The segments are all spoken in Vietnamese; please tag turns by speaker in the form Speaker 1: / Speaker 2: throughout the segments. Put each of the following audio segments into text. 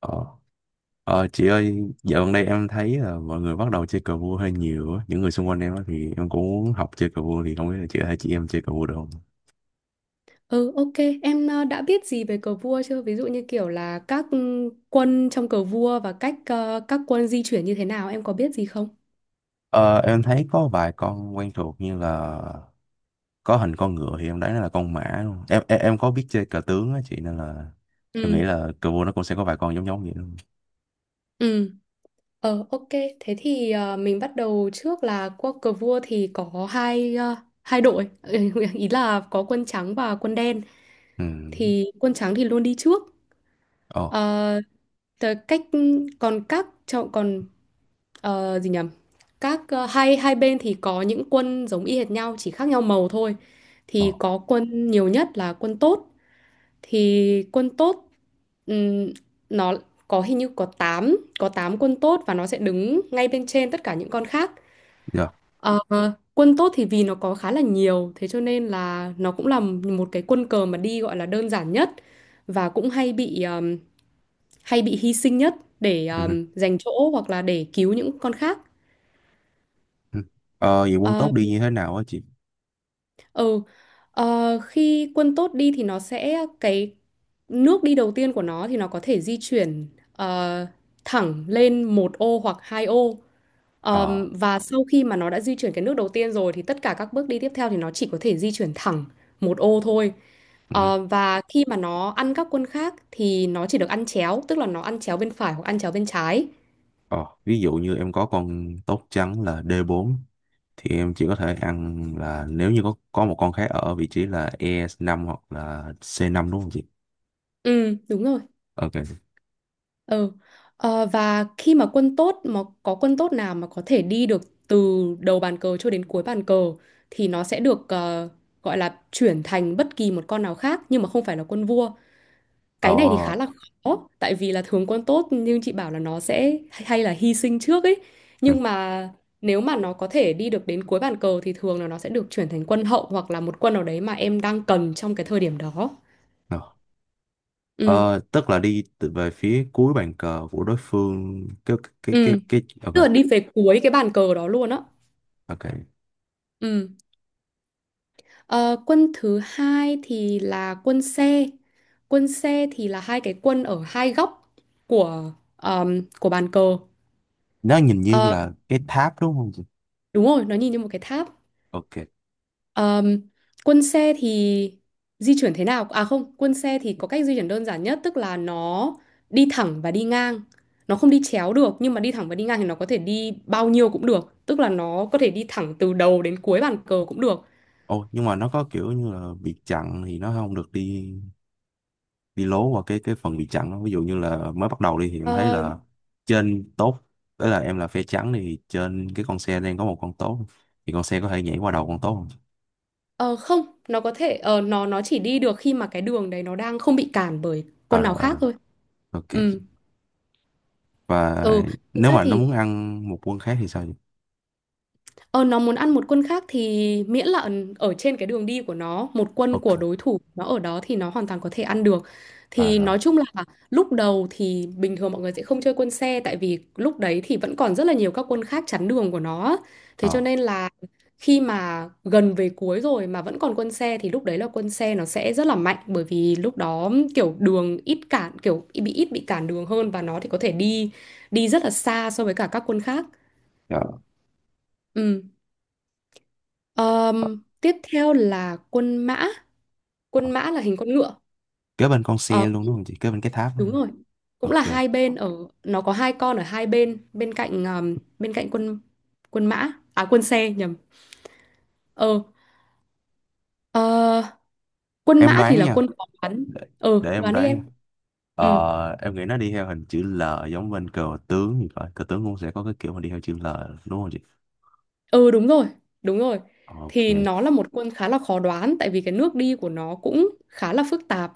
Speaker 1: Ờ, chị ơi, dạo gần đây em thấy là mọi người bắt đầu chơi cờ vua hơi nhiều á. Những người xung quanh em á thì em cũng muốn học chơi cờ vua thì không biết là chị có thể chỉ em chơi cờ vua được không?
Speaker 2: Ừ, ok. Em đã biết gì về cờ vua chưa? Ví dụ như kiểu là các quân trong cờ vua và cách các quân di chuyển như thế nào, em có biết gì không?
Speaker 1: Ờ, em thấy có vài con quen thuộc như là có hình con ngựa thì em đoán nó là con mã luôn. Em có biết chơi cờ tướng á chị nên là em nghĩ
Speaker 2: Ừ,
Speaker 1: là cờ vua nó cũng sẽ có vài con giống giống vậy luôn.
Speaker 2: ừ. Ờ, ok. Thế thì mình bắt đầu trước là qua cờ vua thì có hai đội. Ý là có quân trắng và quân đen.
Speaker 1: Ừ.
Speaker 2: Thì quân trắng thì luôn đi trước.
Speaker 1: Ồ,
Speaker 2: Ờ, tờ- cách còn các cho- còn ờ, gì nhầm các ờ, hai hai bên thì có những quân giống y hệt nhau chỉ khác nhau màu thôi.
Speaker 1: ồ,
Speaker 2: Thì có quân nhiều nhất là quân tốt. Thì quân tốt, ừm, nó có hình như có tám quân tốt và nó sẽ đứng ngay bên trên tất cả những con khác.
Speaker 1: dạ.
Speaker 2: Ờ, Quân tốt thì vì nó có khá là nhiều thế cho nên là nó cũng là một cái quân cờ mà đi gọi là đơn giản nhất, và cũng hay bị hy sinh nhất để
Speaker 1: Ừ,
Speaker 2: giành chỗ hoặc là để cứu những con khác.
Speaker 1: ừ. Vậy quân
Speaker 2: Ờ,
Speaker 1: tốt đi như thế nào á chị?
Speaker 2: ừ, Khi quân tốt đi thì nó sẽ cái nước đi đầu tiên của nó thì nó có thể di chuyển ờ, thẳng lên một ô hoặc hai ô.
Speaker 1: Ờ.
Speaker 2: Và sau khi mà nó đã di chuyển cái nước đầu tiên rồi thì tất cả các bước đi tiếp theo thì nó chỉ có thể di chuyển thẳng một ô thôi. Và khi mà nó ăn các quân khác thì nó chỉ được ăn chéo, tức là nó ăn chéo bên phải hoặc ăn chéo bên trái.
Speaker 1: Ờ. Ví dụ như em có con tốt trắng là D4 thì em chỉ có thể ăn là nếu như có một con khác ở vị trí là E5 hoặc là C5 đúng không chị?
Speaker 2: Ừ, đúng rồi.
Speaker 1: Ok.
Speaker 2: Ừ. Và khi mà quân tốt mà có quân tốt nào mà có thể đi được từ đầu bàn cờ cho đến cuối bàn cờ thì nó sẽ được gọi là chuyển thành bất kỳ một con nào khác nhưng mà không phải là quân vua.
Speaker 1: Ờ,
Speaker 2: Cái này thì khá là khó tại vì là thường quân tốt nhưng chị bảo là nó sẽ hay là hy sinh trước ấy.
Speaker 1: ừ,
Speaker 2: Nhưng mà nếu mà nó có thể đi được đến cuối bàn cờ thì thường là nó sẽ được chuyển thành quân hậu hoặc là một quân nào đấy mà em đang cần trong cái thời điểm đó.
Speaker 1: ờ.
Speaker 2: Ừ.
Speaker 1: Ờ, Tức là đi từ về phía cuối bàn cờ của đối phương cái cái cái
Speaker 2: Ừ.
Speaker 1: cái ok.
Speaker 2: Tức là đi về cuối cái bàn cờ đó luôn á.
Speaker 1: Ok,
Speaker 2: Ừ. Ờ, Quân thứ hai thì là quân xe. Quân xe thì là hai cái quân ở hai góc của bàn cờ.
Speaker 1: nó nhìn như
Speaker 2: Ờ,
Speaker 1: là cái tháp đúng không chị?
Speaker 2: Đúng rồi, nó nhìn như một cái tháp.
Speaker 1: Ok.
Speaker 2: Ờm, Quân xe thì di chuyển thế nào? À không, quân xe thì có cách di chuyển đơn giản nhất, tức là nó đi thẳng và đi ngang. Nó không đi chéo được, nhưng mà đi thẳng và đi ngang thì nó có thể đi bao nhiêu cũng được. Tức là nó có thể đi thẳng từ đầu đến cuối bàn cờ cũng được.
Speaker 1: Ồ, nhưng mà nó có kiểu như là bị chặn thì nó không được đi đi lố qua cái phần bị chặn đó. Ví dụ như là mới bắt đầu đi thì em thấy
Speaker 2: Ờ,
Speaker 1: là trên tốt tức là em là phe trắng thì trên cái con xe đang có một con tốt thì con xe có thể nhảy qua đầu con tốt không?
Speaker 2: Ờ không, nó có thể nó chỉ đi được khi mà cái đường đấy nó đang không bị cản bởi
Speaker 1: À
Speaker 2: con nào
Speaker 1: rồi, à,
Speaker 2: khác
Speaker 1: rồi.
Speaker 2: thôi.
Speaker 1: Ok,
Speaker 2: Ừ.
Speaker 1: và
Speaker 2: Ừ, thực
Speaker 1: nếu
Speaker 2: ra
Speaker 1: mà nó
Speaker 2: thì
Speaker 1: muốn ăn một quân khác thì sao vậy?
Speaker 2: Ờ, nó muốn ăn một quân khác thì miễn là ở trên cái đường đi của nó, một quân
Speaker 1: Ok,
Speaker 2: của đối thủ nó ở đó thì nó hoàn toàn có thể ăn được.
Speaker 1: à
Speaker 2: Thì
Speaker 1: rồi.
Speaker 2: nói chung là lúc đầu thì bình thường mọi người sẽ không chơi quân xe tại vì lúc đấy thì vẫn còn rất là nhiều các quân khác chắn đường của nó. Thế cho
Speaker 1: Ờ.
Speaker 2: nên là khi mà gần về cuối rồi mà vẫn còn quân xe thì lúc đấy là quân xe nó sẽ rất là mạnh, bởi vì lúc đó kiểu đường ít cản kiểu bị ít bị cản đường hơn và nó thì có thể đi đi rất là xa so với cả các quân khác.
Speaker 1: Dạ.
Speaker 2: Ừ.
Speaker 1: Ờ,
Speaker 2: Tiếp theo là quân mã.
Speaker 1: ờ.
Speaker 2: Quân mã là hình con ngựa.
Speaker 1: Kế bên con
Speaker 2: Ờ,
Speaker 1: xe luôn đúng không chị, kế bên cái tháp đúng
Speaker 2: Đúng
Speaker 1: không?
Speaker 2: rồi. Cũng là
Speaker 1: Ok,
Speaker 2: hai bên ở nó có hai con ở hai bên bên cạnh quân quân mã à quân xe nhầm. Ờ, ờ, Quân
Speaker 1: em
Speaker 2: mã thì
Speaker 1: đoán
Speaker 2: là
Speaker 1: nha.
Speaker 2: quân có bắn.
Speaker 1: để,
Speaker 2: Ờ,
Speaker 1: để em
Speaker 2: Đoán đi
Speaker 1: đoán nha.
Speaker 2: em. Ừ,
Speaker 1: Em nghĩ nó đi theo hình chữ L giống bên cờ tướng thì phải, cờ tướng cũng sẽ có cái kiểu mà đi theo chữ L đúng không chị?
Speaker 2: ừ, đúng rồi, đúng rồi.
Speaker 1: Ok.
Speaker 2: Thì nó là một quân khá là khó đoán tại vì cái nước đi của nó cũng khá là phức tạp.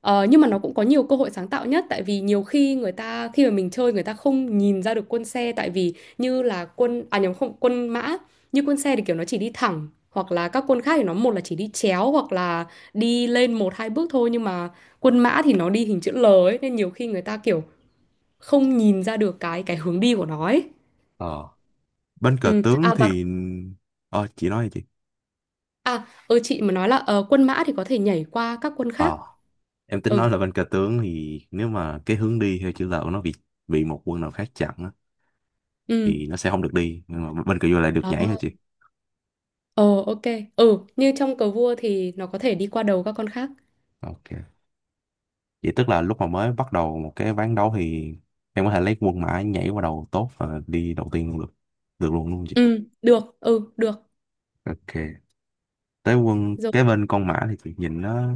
Speaker 2: Nhưng mà nó cũng có nhiều cơ hội sáng tạo nhất tại vì nhiều khi người ta khi mà mình chơi người ta không nhìn ra được quân xe tại vì như là quân à nhầm không quân mã, như quân xe thì kiểu nó chỉ đi thẳng hoặc là các quân khác thì nó một là chỉ đi chéo hoặc là đi lên một hai bước thôi, nhưng mà quân mã thì nó đi hình chữ L ấy nên nhiều khi người ta kiểu không nhìn ra được cái hướng đi của nó ấy.
Speaker 1: Ờ. Bên cờ tướng
Speaker 2: Và
Speaker 1: thì ờ chị nói đi chị.
Speaker 2: chị mà nói là quân mã thì có thể nhảy qua các quân khác.
Speaker 1: Ờ, em tính nói
Speaker 2: Ừ
Speaker 1: là bên cờ tướng thì nếu mà cái hướng đi theo chữ L của nó bị một quân nào khác chặn á,
Speaker 2: ừ.
Speaker 1: thì nó sẽ không được đi nhưng mà bên cờ vua lại được
Speaker 2: Đó.
Speaker 1: nhảy hả chị?
Speaker 2: Ờ ok. Ừ, như trong cờ vua thì nó có thể đi qua đầu các con khác.
Speaker 1: Ok. Vậy tức là lúc mà mới bắt đầu một cái ván đấu thì em có thể lấy quân mã nhảy qua đầu tốt và đi đầu tiên luôn được. Được luôn luôn chị.
Speaker 2: Ừ, được, ừ, được.
Speaker 1: Ok. Tới quân
Speaker 2: Rồi,
Speaker 1: cái bên con mã thì chị nhìn nó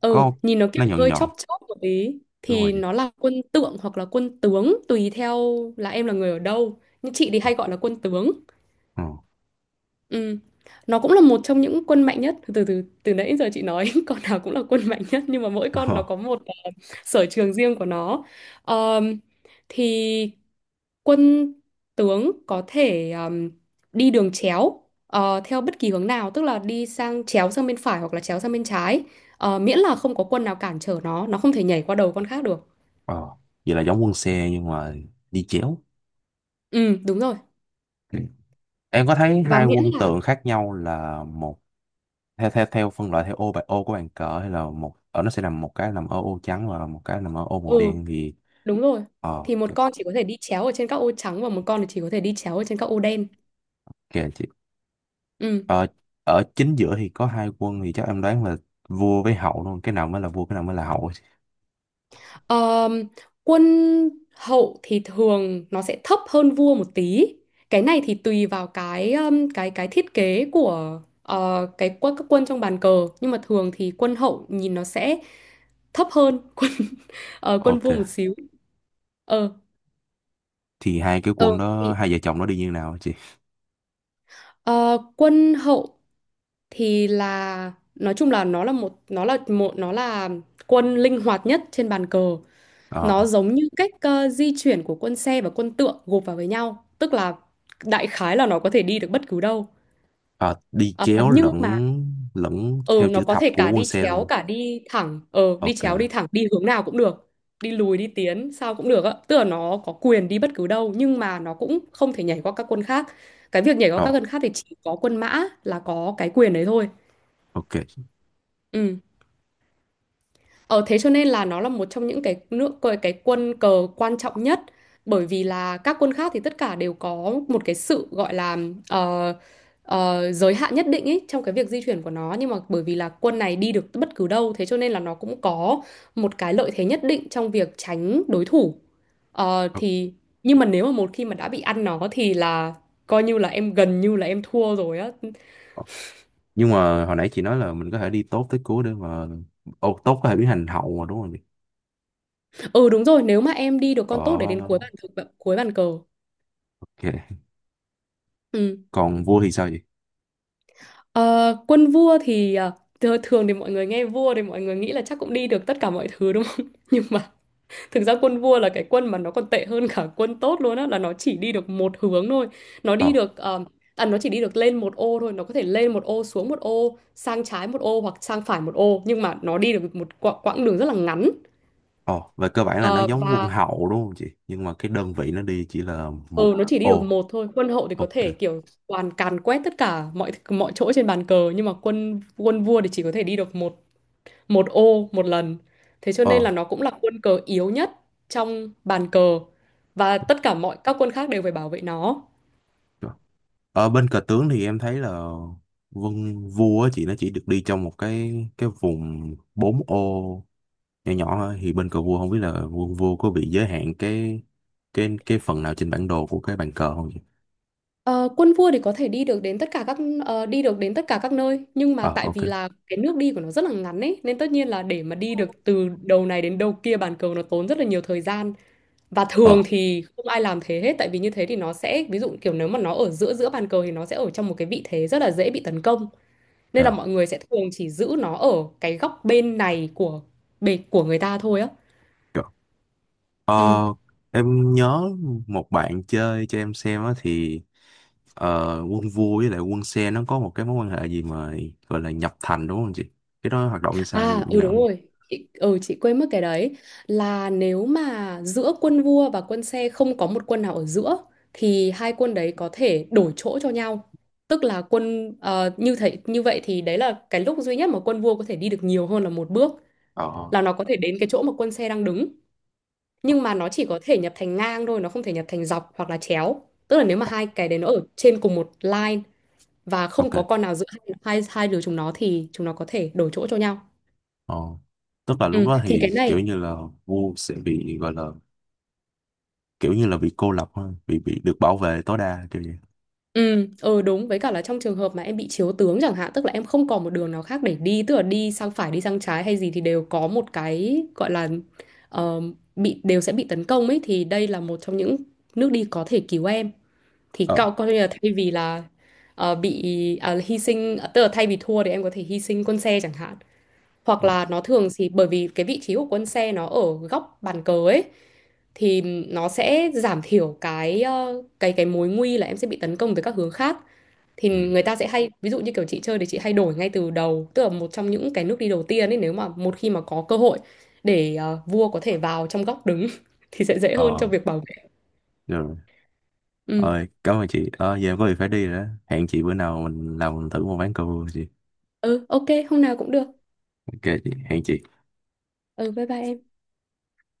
Speaker 2: ừ,
Speaker 1: có
Speaker 2: nhìn nó kiểu
Speaker 1: nó nhọn
Speaker 2: hơi
Speaker 1: nhọn.
Speaker 2: chóp chóp một tí
Speaker 1: Đúng rồi
Speaker 2: thì
Speaker 1: chị.
Speaker 2: nó là quân tượng hoặc là quân tướng tùy theo là em là người ở đâu. Nhưng chị thì hay gọi là quân tướng.
Speaker 1: Ờ.
Speaker 2: Ừ. Nó cũng là một trong những quân mạnh nhất, từ từ từ nãy giờ chị nói con nào cũng là quân mạnh nhất nhưng mà mỗi con nó có
Speaker 1: Ờ.
Speaker 2: một sở trường riêng của nó. Ờm, thì quân tướng có thể đi đường chéo theo bất kỳ hướng nào, tức là đi sang chéo sang bên phải hoặc là chéo sang bên trái. Miễn là không có quân nào cản trở nó không thể nhảy qua đầu con khác được.
Speaker 1: Ờ. Vậy là giống quân xe nhưng mà đi chéo.
Speaker 2: Ừ, đúng rồi.
Speaker 1: Ừ. Em có thấy
Speaker 2: Và
Speaker 1: hai
Speaker 2: miễn
Speaker 1: quân
Speaker 2: là
Speaker 1: tượng khác nhau là một theo theo theo phân loại theo ô bài ô của bàn cờ hay là một ở nó sẽ nằm một cái nằm ở ô trắng và một cái nằm ở ô màu
Speaker 2: ừ
Speaker 1: đen thì
Speaker 2: Đúng rồi,
Speaker 1: ờ
Speaker 2: thì một
Speaker 1: kìa,
Speaker 2: con chỉ có thể đi chéo ở trên các ô trắng và một con thì chỉ có thể đi chéo ở trên các ô đen.
Speaker 1: kìa chị.
Speaker 2: Ừ.
Speaker 1: ờ, Ở chính giữa thì có hai quân thì chắc em đoán là vua với hậu luôn, cái nào mới là vua cái nào mới là hậu chị.
Speaker 2: Ờm, Quân hậu thì thường nó sẽ thấp hơn vua một tí. Cái này thì tùy vào cái thiết kế của cái quân các quân trong bàn cờ, nhưng mà thường thì quân hậu nhìn nó sẽ thấp hơn quân
Speaker 1: Ok,
Speaker 2: vua một xíu. Ờ
Speaker 1: thì hai cái
Speaker 2: ờ
Speaker 1: quân đó
Speaker 2: thì
Speaker 1: hai vợ chồng nó đi như nào hả chị?
Speaker 2: ờ, Quân hậu thì là nói chung là nó là quân linh hoạt nhất trên bàn cờ.
Speaker 1: Ờ.
Speaker 2: Nó giống như cách di chuyển của quân xe và quân tượng gộp vào với nhau, tức là đại khái là nó có thể đi được bất cứ đâu.
Speaker 1: Ờ, đi
Speaker 2: Ờ,
Speaker 1: chéo
Speaker 2: nhưng
Speaker 1: lẫn
Speaker 2: mà
Speaker 1: lẫn
Speaker 2: ừ,
Speaker 1: theo
Speaker 2: nó
Speaker 1: chữ
Speaker 2: có
Speaker 1: thập
Speaker 2: thể
Speaker 1: của
Speaker 2: cả
Speaker 1: quân
Speaker 2: đi
Speaker 1: xe
Speaker 2: chéo
Speaker 1: luôn.
Speaker 2: cả đi thẳng,
Speaker 1: Ok.
Speaker 2: đi hướng nào cũng được. Đi lùi đi tiến sao cũng được ạ, tức là nó có quyền đi bất cứ đâu nhưng mà nó cũng không thể nhảy qua các quân khác. Cái việc nhảy qua
Speaker 1: Ờ.
Speaker 2: các quân khác thì chỉ có quân mã là có cái quyền đấy thôi.
Speaker 1: Ok.
Speaker 2: Ừ. Ờ Thế cho nên là nó là một trong những cái quân cờ quan trọng nhất, bởi vì là các quân khác thì tất cả đều có một cái sự gọi là ờ, giới hạn nhất định ấy trong cái việc di chuyển của nó, nhưng mà bởi vì là quân này đi được bất cứ đâu thế cho nên là nó cũng có một cái lợi thế nhất định trong việc tránh đối thủ. Ờ, thì Nhưng mà nếu mà một khi mà đã bị ăn nó thì là coi như là em gần như là em thua rồi á.
Speaker 1: Ok. Nhưng mà hồi nãy chị nói là mình có thể đi tốt tới cuối để mà ô tốt có thể biến thành hậu mà đúng không chị?
Speaker 2: Ừ, đúng rồi, nếu mà em đi được con tốt để đến
Speaker 1: Ờ.
Speaker 2: cuối bàn cờ.
Speaker 1: Ok.
Speaker 2: Ừ.
Speaker 1: Còn vua thì sao chị?
Speaker 2: Ờ, Quân vua thì thường thì mọi người nghe vua thì mọi người nghĩ là chắc cũng đi được tất cả mọi thứ đúng không? Nhưng mà thực ra quân vua là cái quân mà nó còn tệ hơn cả quân tốt luôn á, là nó chỉ đi được một hướng thôi. Nó
Speaker 1: Ờ.
Speaker 2: đi được, nó chỉ đi được lên một ô thôi, nó có thể lên một ô, xuống một ô, sang trái một ô hoặc sang phải một ô, nhưng mà nó đi được một quãng đường rất là ngắn.
Speaker 1: ờ về cơ bản là nó
Speaker 2: Ờ,
Speaker 1: giống quân
Speaker 2: và
Speaker 1: hậu đúng không chị nhưng mà cái đơn vị nó đi chỉ là
Speaker 2: ừ,
Speaker 1: một
Speaker 2: nó chỉ đi được
Speaker 1: ô.
Speaker 2: một thôi. Quân hậu thì có
Speaker 1: Ok.
Speaker 2: thể kiểu toàn càn quét tất cả mọi mọi chỗ trên bàn cờ, nhưng mà quân quân vua thì chỉ có thể đi được một một ô một lần. Thế cho nên
Speaker 1: Ờ.
Speaker 2: là nó cũng là quân cờ yếu nhất trong bàn cờ và tất cả mọi các quân khác đều phải bảo vệ nó.
Speaker 1: Rồi. Ở bên cờ tướng thì em thấy là quân vua á chị nó chỉ được đi trong một cái vùng 4 ô nhỏ nhỏ thôi thì bên cờ vua không biết là quân vua có bị giới hạn cái phần nào trên bản đồ của cái bàn cờ không chị?
Speaker 2: Ờ, Quân vua thì có thể đi được đến tất cả các nơi, nhưng mà
Speaker 1: Ờ.
Speaker 2: tại
Speaker 1: Ok.
Speaker 2: vì là cái nước đi của nó rất là ngắn ấy nên tất nhiên là để mà đi được từ đầu này đến đầu kia bàn cờ nó tốn rất là nhiều thời gian, và thường
Speaker 1: Ờ.
Speaker 2: thì không ai làm thế hết tại vì như thế thì nó sẽ, ví dụ kiểu nếu mà nó ở giữa giữa bàn cờ thì nó sẽ ở trong một cái vị thế rất là dễ bị tấn công. Nên là
Speaker 1: Dạ.
Speaker 2: mọi người sẽ thường chỉ giữ nó ở cái góc bên này của bề của người ta thôi á.
Speaker 1: Dạ. Ờ,
Speaker 2: Ừ.
Speaker 1: em nhớ một bạn chơi cho em xem á thì ờ, quân vua với lại quân xe nó có một cái mối quan hệ gì mà gọi là nhập thành đúng không chị? Cái đó hoạt động như sao,
Speaker 2: À,
Speaker 1: như
Speaker 2: ừ,
Speaker 1: nào
Speaker 2: đúng
Speaker 1: không?
Speaker 2: rồi. Chị quên mất cái đấy, là nếu mà giữa quân vua và quân xe không có một quân nào ở giữa thì hai quân đấy có thể đổi chỗ cho nhau. Tức là như thế như vậy thì đấy là cái lúc duy nhất mà quân vua có thể đi được nhiều hơn là một bước,
Speaker 1: Ờ.
Speaker 2: là nó có thể đến cái chỗ mà quân xe đang đứng, nhưng mà nó chỉ có thể nhập thành ngang thôi, nó không thể nhập thành dọc hoặc là chéo, tức là nếu mà hai cái đấy nó ở trên cùng một line và không
Speaker 1: Ok.
Speaker 2: có con nào giữa hai, hai hai đứa chúng nó thì chúng nó có thể đổi chỗ cho nhau.
Speaker 1: Ờ. Tức là lúc
Speaker 2: Ừ,
Speaker 1: đó
Speaker 2: thì
Speaker 1: thì
Speaker 2: cái
Speaker 1: kiểu
Speaker 2: này
Speaker 1: như là vua sẽ bị gọi là kiểu như là bị cô lập ha, bị được bảo vệ tối đa kiểu vậy.
Speaker 2: Ừ, ừ, đúng với cả là trong trường hợp mà em bị chiếu tướng chẳng hạn, tức là em không còn một đường nào khác để đi, tức là đi sang phải đi sang trái hay gì thì đều có một cái gọi là, ờ, bị đều sẽ bị tấn công ấy, thì đây là một trong những nước đi có thể cứu em, thì
Speaker 1: Ờ.
Speaker 2: cậu coi như là thay vì là hy sinh, tức là thay vì thua thì em có thể hy sinh con xe chẳng hạn, hoặc là nó, thường thì bởi vì cái vị trí của quân xe nó ở góc bàn cờ ấy thì nó sẽ giảm thiểu cái ờ, cái mối nguy là em sẽ bị tấn công từ các hướng khác. Thì
Speaker 1: Ừ.
Speaker 2: người ta sẽ hay, ví dụ như kiểu chị chơi thì chị hay đổi ngay từ đầu, tức là một trong những cái nước đi đầu tiên ấy nếu mà một khi mà có cơ hội để vua có thể vào trong góc đứng thì sẽ dễ hơn
Speaker 1: Ờ.
Speaker 2: trong việc bảo vệ.
Speaker 1: Rồi.
Speaker 2: Ừ.
Speaker 1: Rồi, cảm ơn chị. Ờ, giờ em có việc phải đi rồi đó. Hẹn chị bữa nào mình làm thử một ván cờ vua chị.
Speaker 2: Ừ, ok, hôm nào cũng được.
Speaker 1: Ok chị, hẹn chị.
Speaker 2: Ừ, bye bye em.